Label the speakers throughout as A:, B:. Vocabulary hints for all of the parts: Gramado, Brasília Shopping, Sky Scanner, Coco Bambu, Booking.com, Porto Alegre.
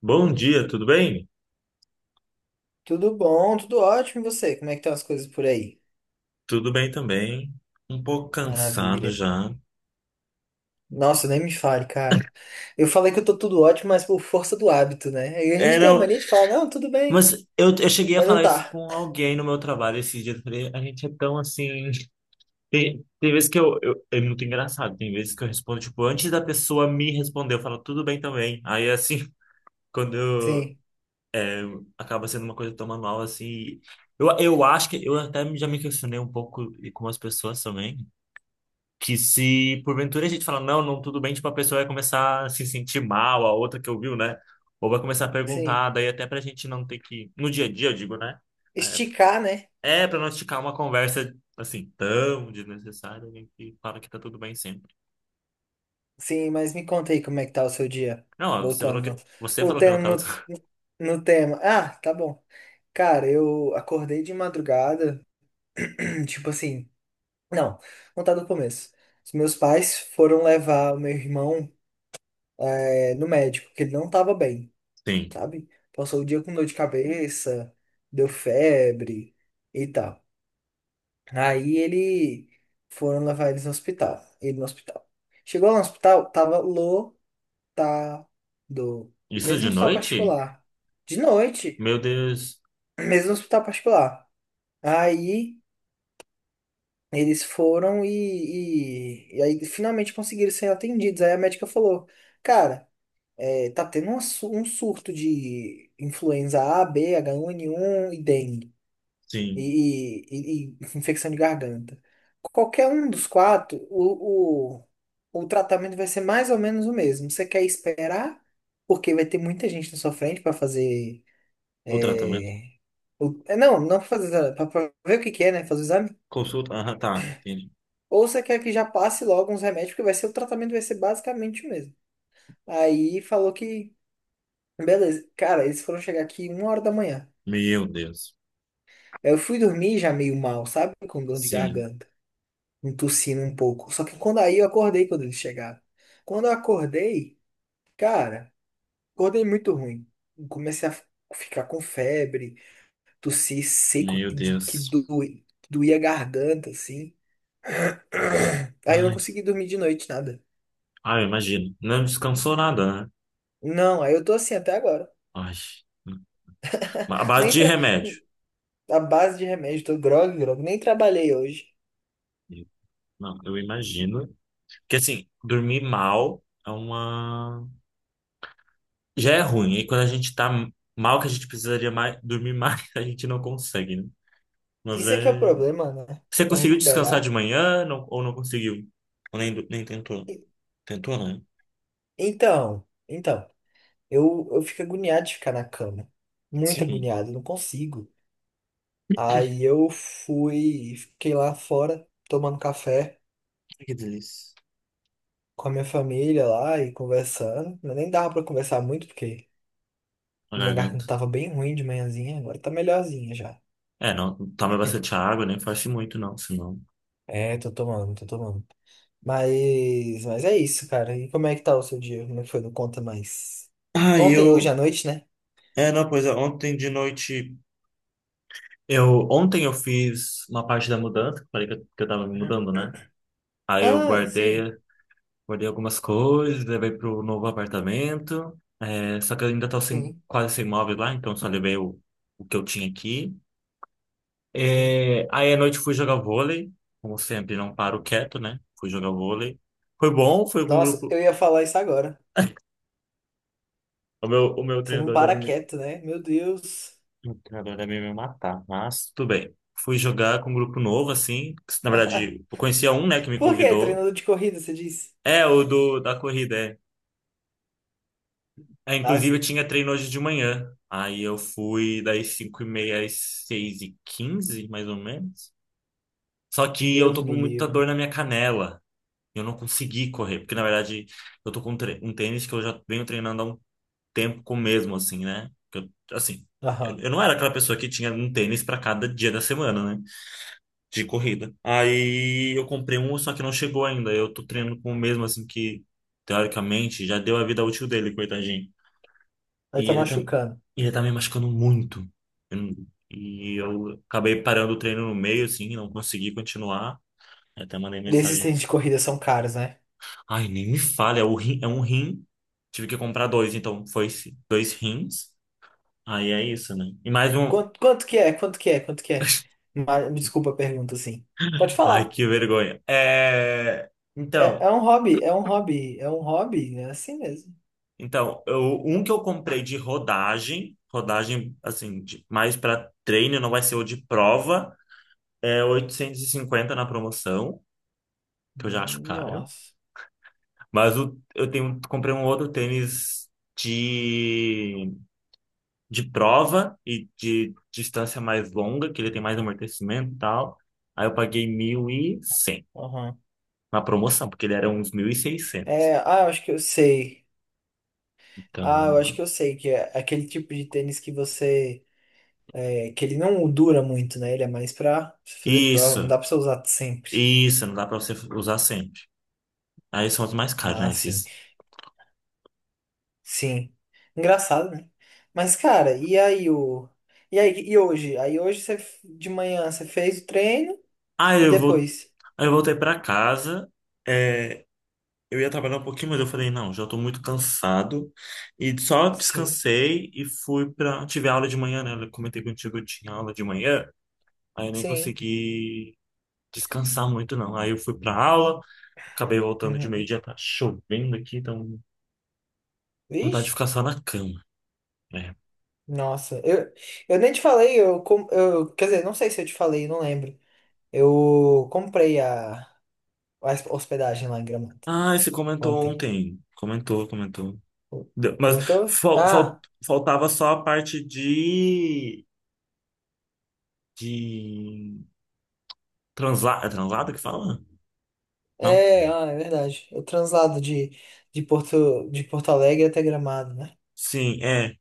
A: Bom dia, tudo bem?
B: Tudo bom, tudo ótimo. E você? Como é que estão as coisas por aí?
A: Tudo bem também. Um pouco cansado
B: Maravilha.
A: já.
B: Nossa, nem me fale, cara. Eu falei que eu tô tudo ótimo, mas por força do hábito, né? E a
A: É,
B: gente tem a
A: não,
B: mania de falar, não, tudo bem,
A: mas eu cheguei a
B: mas não
A: falar isso
B: tá.
A: com alguém no meu trabalho esses dias. Eu falei, a gente é tão assim. Tem vezes que eu, eu. É muito engraçado. Tem vezes que eu respondo, tipo, antes da pessoa me responder, eu falo, tudo bem também. Aí, assim, quando eu,
B: Sim,
A: acaba sendo uma coisa tão manual, assim. Eu acho que. Eu até já me questionei um pouco com as pessoas também. Que se porventura a gente fala não, não, tudo bem, tipo, a pessoa vai começar a se sentir mal, a outra que ouviu, né? Ou vai começar a
B: sim.
A: perguntar, daí até pra gente não ter que, no dia a dia, eu digo, né?
B: Esticar, né?
A: É, é pra não esticar uma conversa, assim, tão desnecessária, a gente fala que tá tudo bem sempre.
B: Sim, mas me conta aí como é que tá o seu dia.
A: Não, ó, você falou
B: Voltando no,
A: que, você falou que não
B: voltando
A: tava...
B: no, no tema. Ah, tá bom. Cara, eu acordei de madrugada, tipo assim. Não, vou contar do começo. Os meus pais foram levar o meu irmão. É, no médico, que ele não tava bem,
A: Sim.
B: sabe? Passou o dia com dor de cabeça, deu febre e tal. Aí ele foram levar eles no hospital. Ele no hospital. Chegou lá no hospital, tava lotado.
A: Isso
B: Mesmo
A: de
B: hospital
A: noite?
B: particular. De noite,
A: Meu Deus.
B: mesmo hospital particular. Aí eles foram e aí finalmente conseguiram ser atendidos. Aí a médica falou, cara. É, tá tendo um surto de influenza A, B, H1N1 e dengue.
A: Sim.
B: E infecção de garganta. Qualquer um dos quatro, o tratamento vai ser mais ou menos o mesmo. Você quer esperar, porque vai ter muita gente na sua frente para fazer.
A: O tratamento.
B: é, é, não, não pra fazer. Para ver o que que é, né? Fazer o exame.
A: Consulta. Aham, tá. Entendi.
B: Ou você quer que já passe logo uns remédios, porque o tratamento vai ser basicamente o mesmo. Aí falou que. Beleza. Cara, eles foram chegar aqui 1 hora da manhã.
A: Meu Deus.
B: Eu fui dormir já meio mal, sabe? Com dor de
A: Sim.
B: garganta, um tossindo um pouco. Só que quando aí eu acordei quando eles chegaram. Quando eu acordei, cara, acordei muito ruim. Comecei a ficar com febre, tossir seco,
A: Meu
B: que
A: Deus.
B: doía a garganta, assim. Aí eu não
A: Ai,
B: consegui dormir de noite, nada.
A: ai, imagino. Não descansou nada, né?
B: Não, aí eu tô assim até agora.
A: Ai, a base
B: Nem
A: de
B: tra...
A: remédio.
B: A base de remédio, tô grog, nem trabalhei hoje.
A: Eu- Não, eu imagino. Porque assim, dormir mal é uma. Já é ruim. E quando a gente tá mal, que a gente precisaria mais, dormir mais, a gente não consegue, né? Mas
B: Isso é que é o
A: é.
B: problema, né?
A: Você
B: Pra
A: conseguiu descansar de
B: recuperar.
A: manhã não- ou não conseguiu? Ou nem, do- nem tentou?
B: E-
A: Tentou, né?
B: então. Eu fico agoniado de ficar na cama. Muito
A: Sim.
B: agoniado, eu não consigo. Aí eu fiquei lá fora tomando café
A: Ai, que delícia.
B: com a minha família lá e conversando. Eu nem dava pra conversar muito porque
A: A
B: minha
A: garganta.
B: garganta tava bem ruim de manhãzinha, agora tá melhorzinha já.
A: É, não, toma bastante água, nem faz muito, não, senão.
B: É, tô tomando, tô tomando. Mas é isso, cara. E como é que tá o seu dia? Como é que foi? Não conta mais.
A: Ah,
B: Ontem, hoje à
A: eu.
B: noite, né?
A: É, não, pois é, ontem de noite. Ontem eu fiz uma parte da mudança, que eu falei que eu tava me mudando, né? Aí eu
B: Ah, sim,
A: guardei algumas coisas, levei pro novo apartamento. É, só que eu ainda tô sem,
B: sim,
A: quase sem móveis lá, então só levei o que eu tinha aqui.
B: sim.
A: É, aí à noite fui jogar vôlei, como sempre, não paro quieto, né? Fui jogar vôlei. Foi bom, foi com um
B: Nossa,
A: grupo.
B: eu ia falar isso agora.
A: O meu
B: Você não para quieto, né? Meu Deus.
A: treinador deve me matar, mas tudo bem. Fui jogar com um grupo novo, assim, que, na verdade, eu conhecia um, né, que me
B: Por quê?
A: convidou.
B: Treinador de corrida, você disse?
A: É, da corrida, é. É,
B: Ah,
A: inclusive eu
B: sim.
A: tinha treino hoje de manhã. Aí eu fui das 5h30 às 6h15, mais ou menos. Só que eu
B: Deus
A: tô com
B: me
A: muita
B: livre.
A: dor na minha canela. Eu não consegui correr, porque na verdade eu tô com um tênis que eu já venho treinando há um tempo com o mesmo, assim, né? Assim, eu,
B: Aham.
A: eu não era aquela pessoa que tinha um tênis pra cada dia da semana, né? De corrida. Aí eu comprei um, só que não chegou ainda. Eu tô treinando com o mesmo, assim, que teoricamente já deu a vida útil dele, coitadinho.
B: Vai
A: E
B: tá
A: ele, tá,
B: machucando.
A: ele tá me machucando muito. Eu não- E eu acabei parando o treino no meio, assim, não consegui continuar. Eu até mandei
B: E esses
A: mensagem.
B: tênis de corrida são caros, né?
A: Ai, nem me fale, é, o rim, é um rim. Tive que comprar dois, então dois rins. Aí é isso, né? E mais um.
B: Quanto que é? Quanto que é? Quanto que é? Me desculpa a pergunta, assim. Pode
A: Ai,
B: falar.
A: que vergonha. É...
B: É,
A: Então,
B: é um hobby, é um hobby, é um hobby, é assim mesmo.
A: então eu, um que eu comprei de rodagem, assim, mais para treino, não vai ser o de prova, é 850 na promoção, que eu já acho caro.
B: Nossa.
A: Mas eu tenho, comprei um outro tênis de, de prova e de distância mais longa, que ele tem mais amortecimento e tal. Aí eu paguei 1.100
B: Aham.
A: na promoção, porque ele era uns 1.600.
B: É, ah, eu acho que eu sei. Ah,
A: Então,
B: eu acho que eu sei que é aquele tipo de tênis que você é, que ele não dura muito, né? Ele é mais pra fazer prova. Não
A: isso,
B: dá pra você usar sempre.
A: isso, não dá pra você usar sempre. Aí são os mais caros,
B: Ah,
A: né?
B: sim.
A: Esses.
B: Sim. Engraçado, né? Mas, cara, e aí o. E aí, e hoje? Aí hoje você de manhã você fez o treino
A: Aí
B: e
A: eu vou,
B: depois?
A: Aí eu voltei pra casa. é, Eu ia trabalhar um pouquinho, mas eu falei, não, já tô muito cansado. E só
B: Sim.
A: descansei e fui pra. Tive aula de manhã, né? Eu comentei contigo, eu tinha aula de manhã, aí eu nem
B: Sim.
A: consegui descansar muito, não. Aí eu fui pra aula, acabei voltando de
B: Uhum.
A: meio-dia, tá chovendo aqui, então vontade de ficar
B: Vixe.
A: só na cama, né?
B: Nossa, eu nem te falei, eu. Quer dizer, não sei se eu te falei, não lembro. Eu comprei a hospedagem lá em Gramado
A: Ah, você comentou
B: ontem.
A: ontem. Comentou, comentou. Mas
B: Comentou?
A: fal- fal-
B: Ah.
A: faltava só a parte de. De. Translado. É translado que fala? Não.
B: É, ah, é verdade. O translado de Porto Alegre até Gramado, né?
A: Sim, é.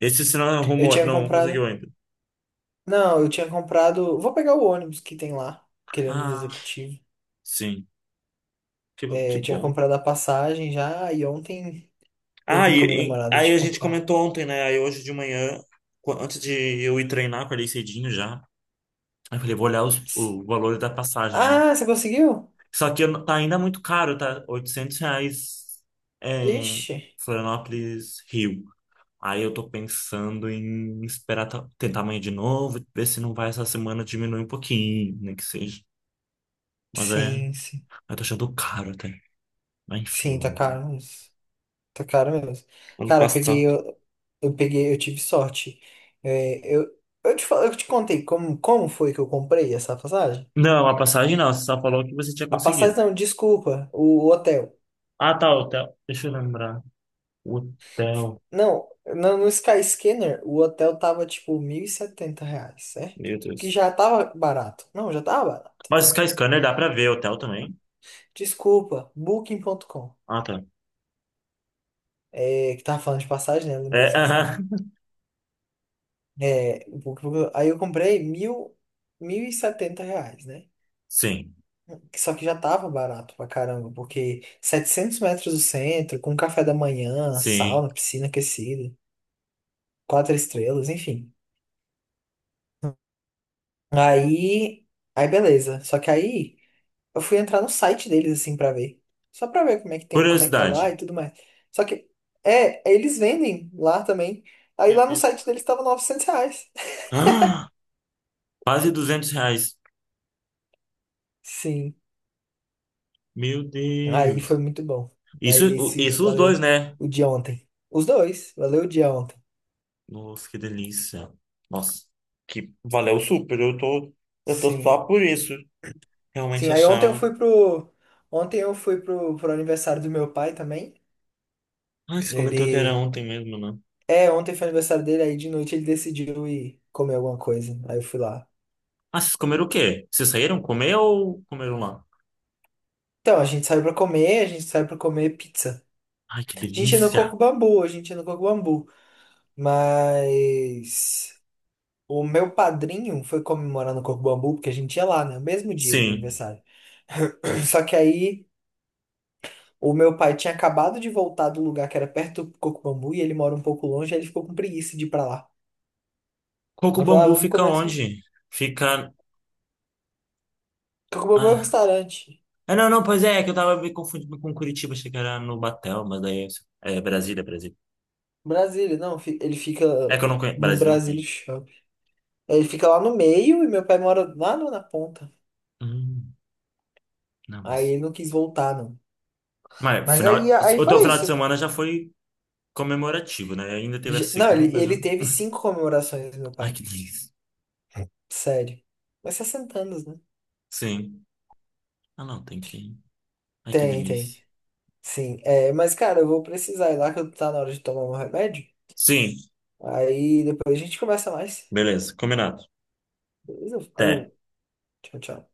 A: Esse você não
B: Eu
A: arrumou,
B: tinha
A: não conseguiu
B: comprado.
A: ainda.
B: Não, eu tinha comprado. Vou pegar o ônibus que tem lá, aquele ônibus
A: Ah,
B: executivo.
A: sim. Que
B: É, eu tinha
A: bom.
B: comprado a passagem já e ontem eu
A: Ah,
B: vi com a minha namorada
A: aí
B: de
A: a gente
B: comprar.
A: comentou ontem, né? Aí hoje de manhã, antes de eu ir treinar, acordei cedinho já. Aí eu falei, vou olhar o valor da passagem, né?
B: Ah, você conseguiu?
A: Só que eu não- tá ainda muito caro, tá? R$ 800, é,
B: Vixe.
A: Florianópolis, Rio. Aí eu tô pensando em esperar tentar amanhã de novo, ver se não vai essa semana diminuir um pouquinho, nem que seja. Mas é,
B: Sim, sim.
A: eu tô achando caro até. Mas enfim,
B: Sim, tá
A: vamos ver.
B: caro mesmo. Tá caro mesmo.
A: Ano
B: Cara,
A: passado.
B: eu tive sorte. É, eu te contei como foi que eu comprei essa passagem?
A: Não, a passagem não. Você só falou que você tinha
B: A passagem
A: conseguido.
B: não, desculpa, o hotel.
A: Ah, tá, hotel. Deixa eu lembrar. Hotel.
B: Não, no Sky Scanner, o hotel tava tipo 1.070 reais, certo?
A: Meu
B: Que
A: Deus.
B: já tava barato. Não, já tava barato.
A: Mas Sky Scanner dá pra ver hotel também?
B: Desculpa, Booking.com.
A: Ah, tá.
B: É, que tava falando de passagem, né? Eu lembrei do
A: É,
B: Sky Scanner.
A: aham.
B: É, o Booking ponto aí eu comprei mil e setenta reais, né?
A: Sim,
B: Só que já tava barato pra caramba, porque 700 metros do centro, com café da manhã,
A: sim.
B: sauna, piscina aquecida, quatro estrelas, enfim. Aí, aí, beleza. Só que aí eu fui entrar no site deles assim pra ver. Só pra ver como é que tem, como é que é
A: Curiosidade.
B: lá e tudo mais. Só que é, eles vendem lá também. Aí
A: Meu
B: lá no
A: Deus.
B: site deles tava 900 reais.
A: Ah, quase R$ 200.
B: Sim.
A: Meu
B: Aí
A: Deus.
B: foi muito bom. Aí
A: Isso,
B: esse
A: isso os
B: valeu
A: dois, né?
B: o dia ontem. Os dois, valeu o dia ontem.
A: Nossa, que delícia. Nossa. Que valeu super. Eu tô
B: Sim.
A: só por isso.
B: Sim,
A: Realmente
B: aí ontem eu
A: achar.
B: fui pro aniversário do meu pai também.
A: Ah, você comentou que era
B: Ele
A: ontem mesmo, né?
B: ontem foi aniversário dele, aí de noite ele decidiu ir comer alguma coisa. Aí eu fui lá.
A: Ah, vocês comeram o quê? Vocês saíram comer ou comeram lá?
B: Então, a gente saiu pra comer pizza.
A: Ai, que
B: A gente é no
A: delícia!
B: Coco Bambu. Mas o meu padrinho foi comemorar no Coco Bambu, porque a gente ia lá, né? No mesmo dia do
A: Sim.
B: aniversário. Só que aí o meu pai tinha acabado de voltar do lugar que era perto do Coco Bambu e ele mora um pouco longe, aí ele ficou com preguiça de ir pra lá.
A: Coco
B: Ele falou, ah,
A: Bambu
B: vamos
A: fica
B: começar.
A: onde? Fica.
B: Coco Bambu é um
A: Ah,
B: restaurante.
A: Ah, não, não, pois é, é que eu tava me confundindo com Curitiba, achei que era no Batel, mas daí. É Brasília, Brasília.
B: Brasília, não, ele fica
A: É que eu não conheço.
B: no
A: Brasília eu não
B: Brasília
A: conheço.
B: Shopping. Ele fica lá no meio e meu pai mora lá na ponta.
A: Hum, não,
B: Aí
A: mas.
B: ele não quis voltar, não. Mas aí, aí
A: O teu
B: foi
A: final de
B: isso.
A: semana já foi comemorativo, né? Ainda teve a
B: Não, ele,
A: segunda
B: ele
A: já.
B: teve cinco comemorações, meu
A: Ai, que
B: pai.
A: delícia.
B: Sério. Mas 60 anos, né?
A: Sim. Ah, não, tem que. Ai, que
B: Tem, tem.
A: delícia.
B: Sim. É, mas, cara, eu vou precisar ir lá que tá na hora de tomar meu remédio.
A: Sim,
B: Aí depois a gente conversa mais.
A: beleza, combinado.
B: Beleza?
A: Até.
B: Falou. Tchau, tchau.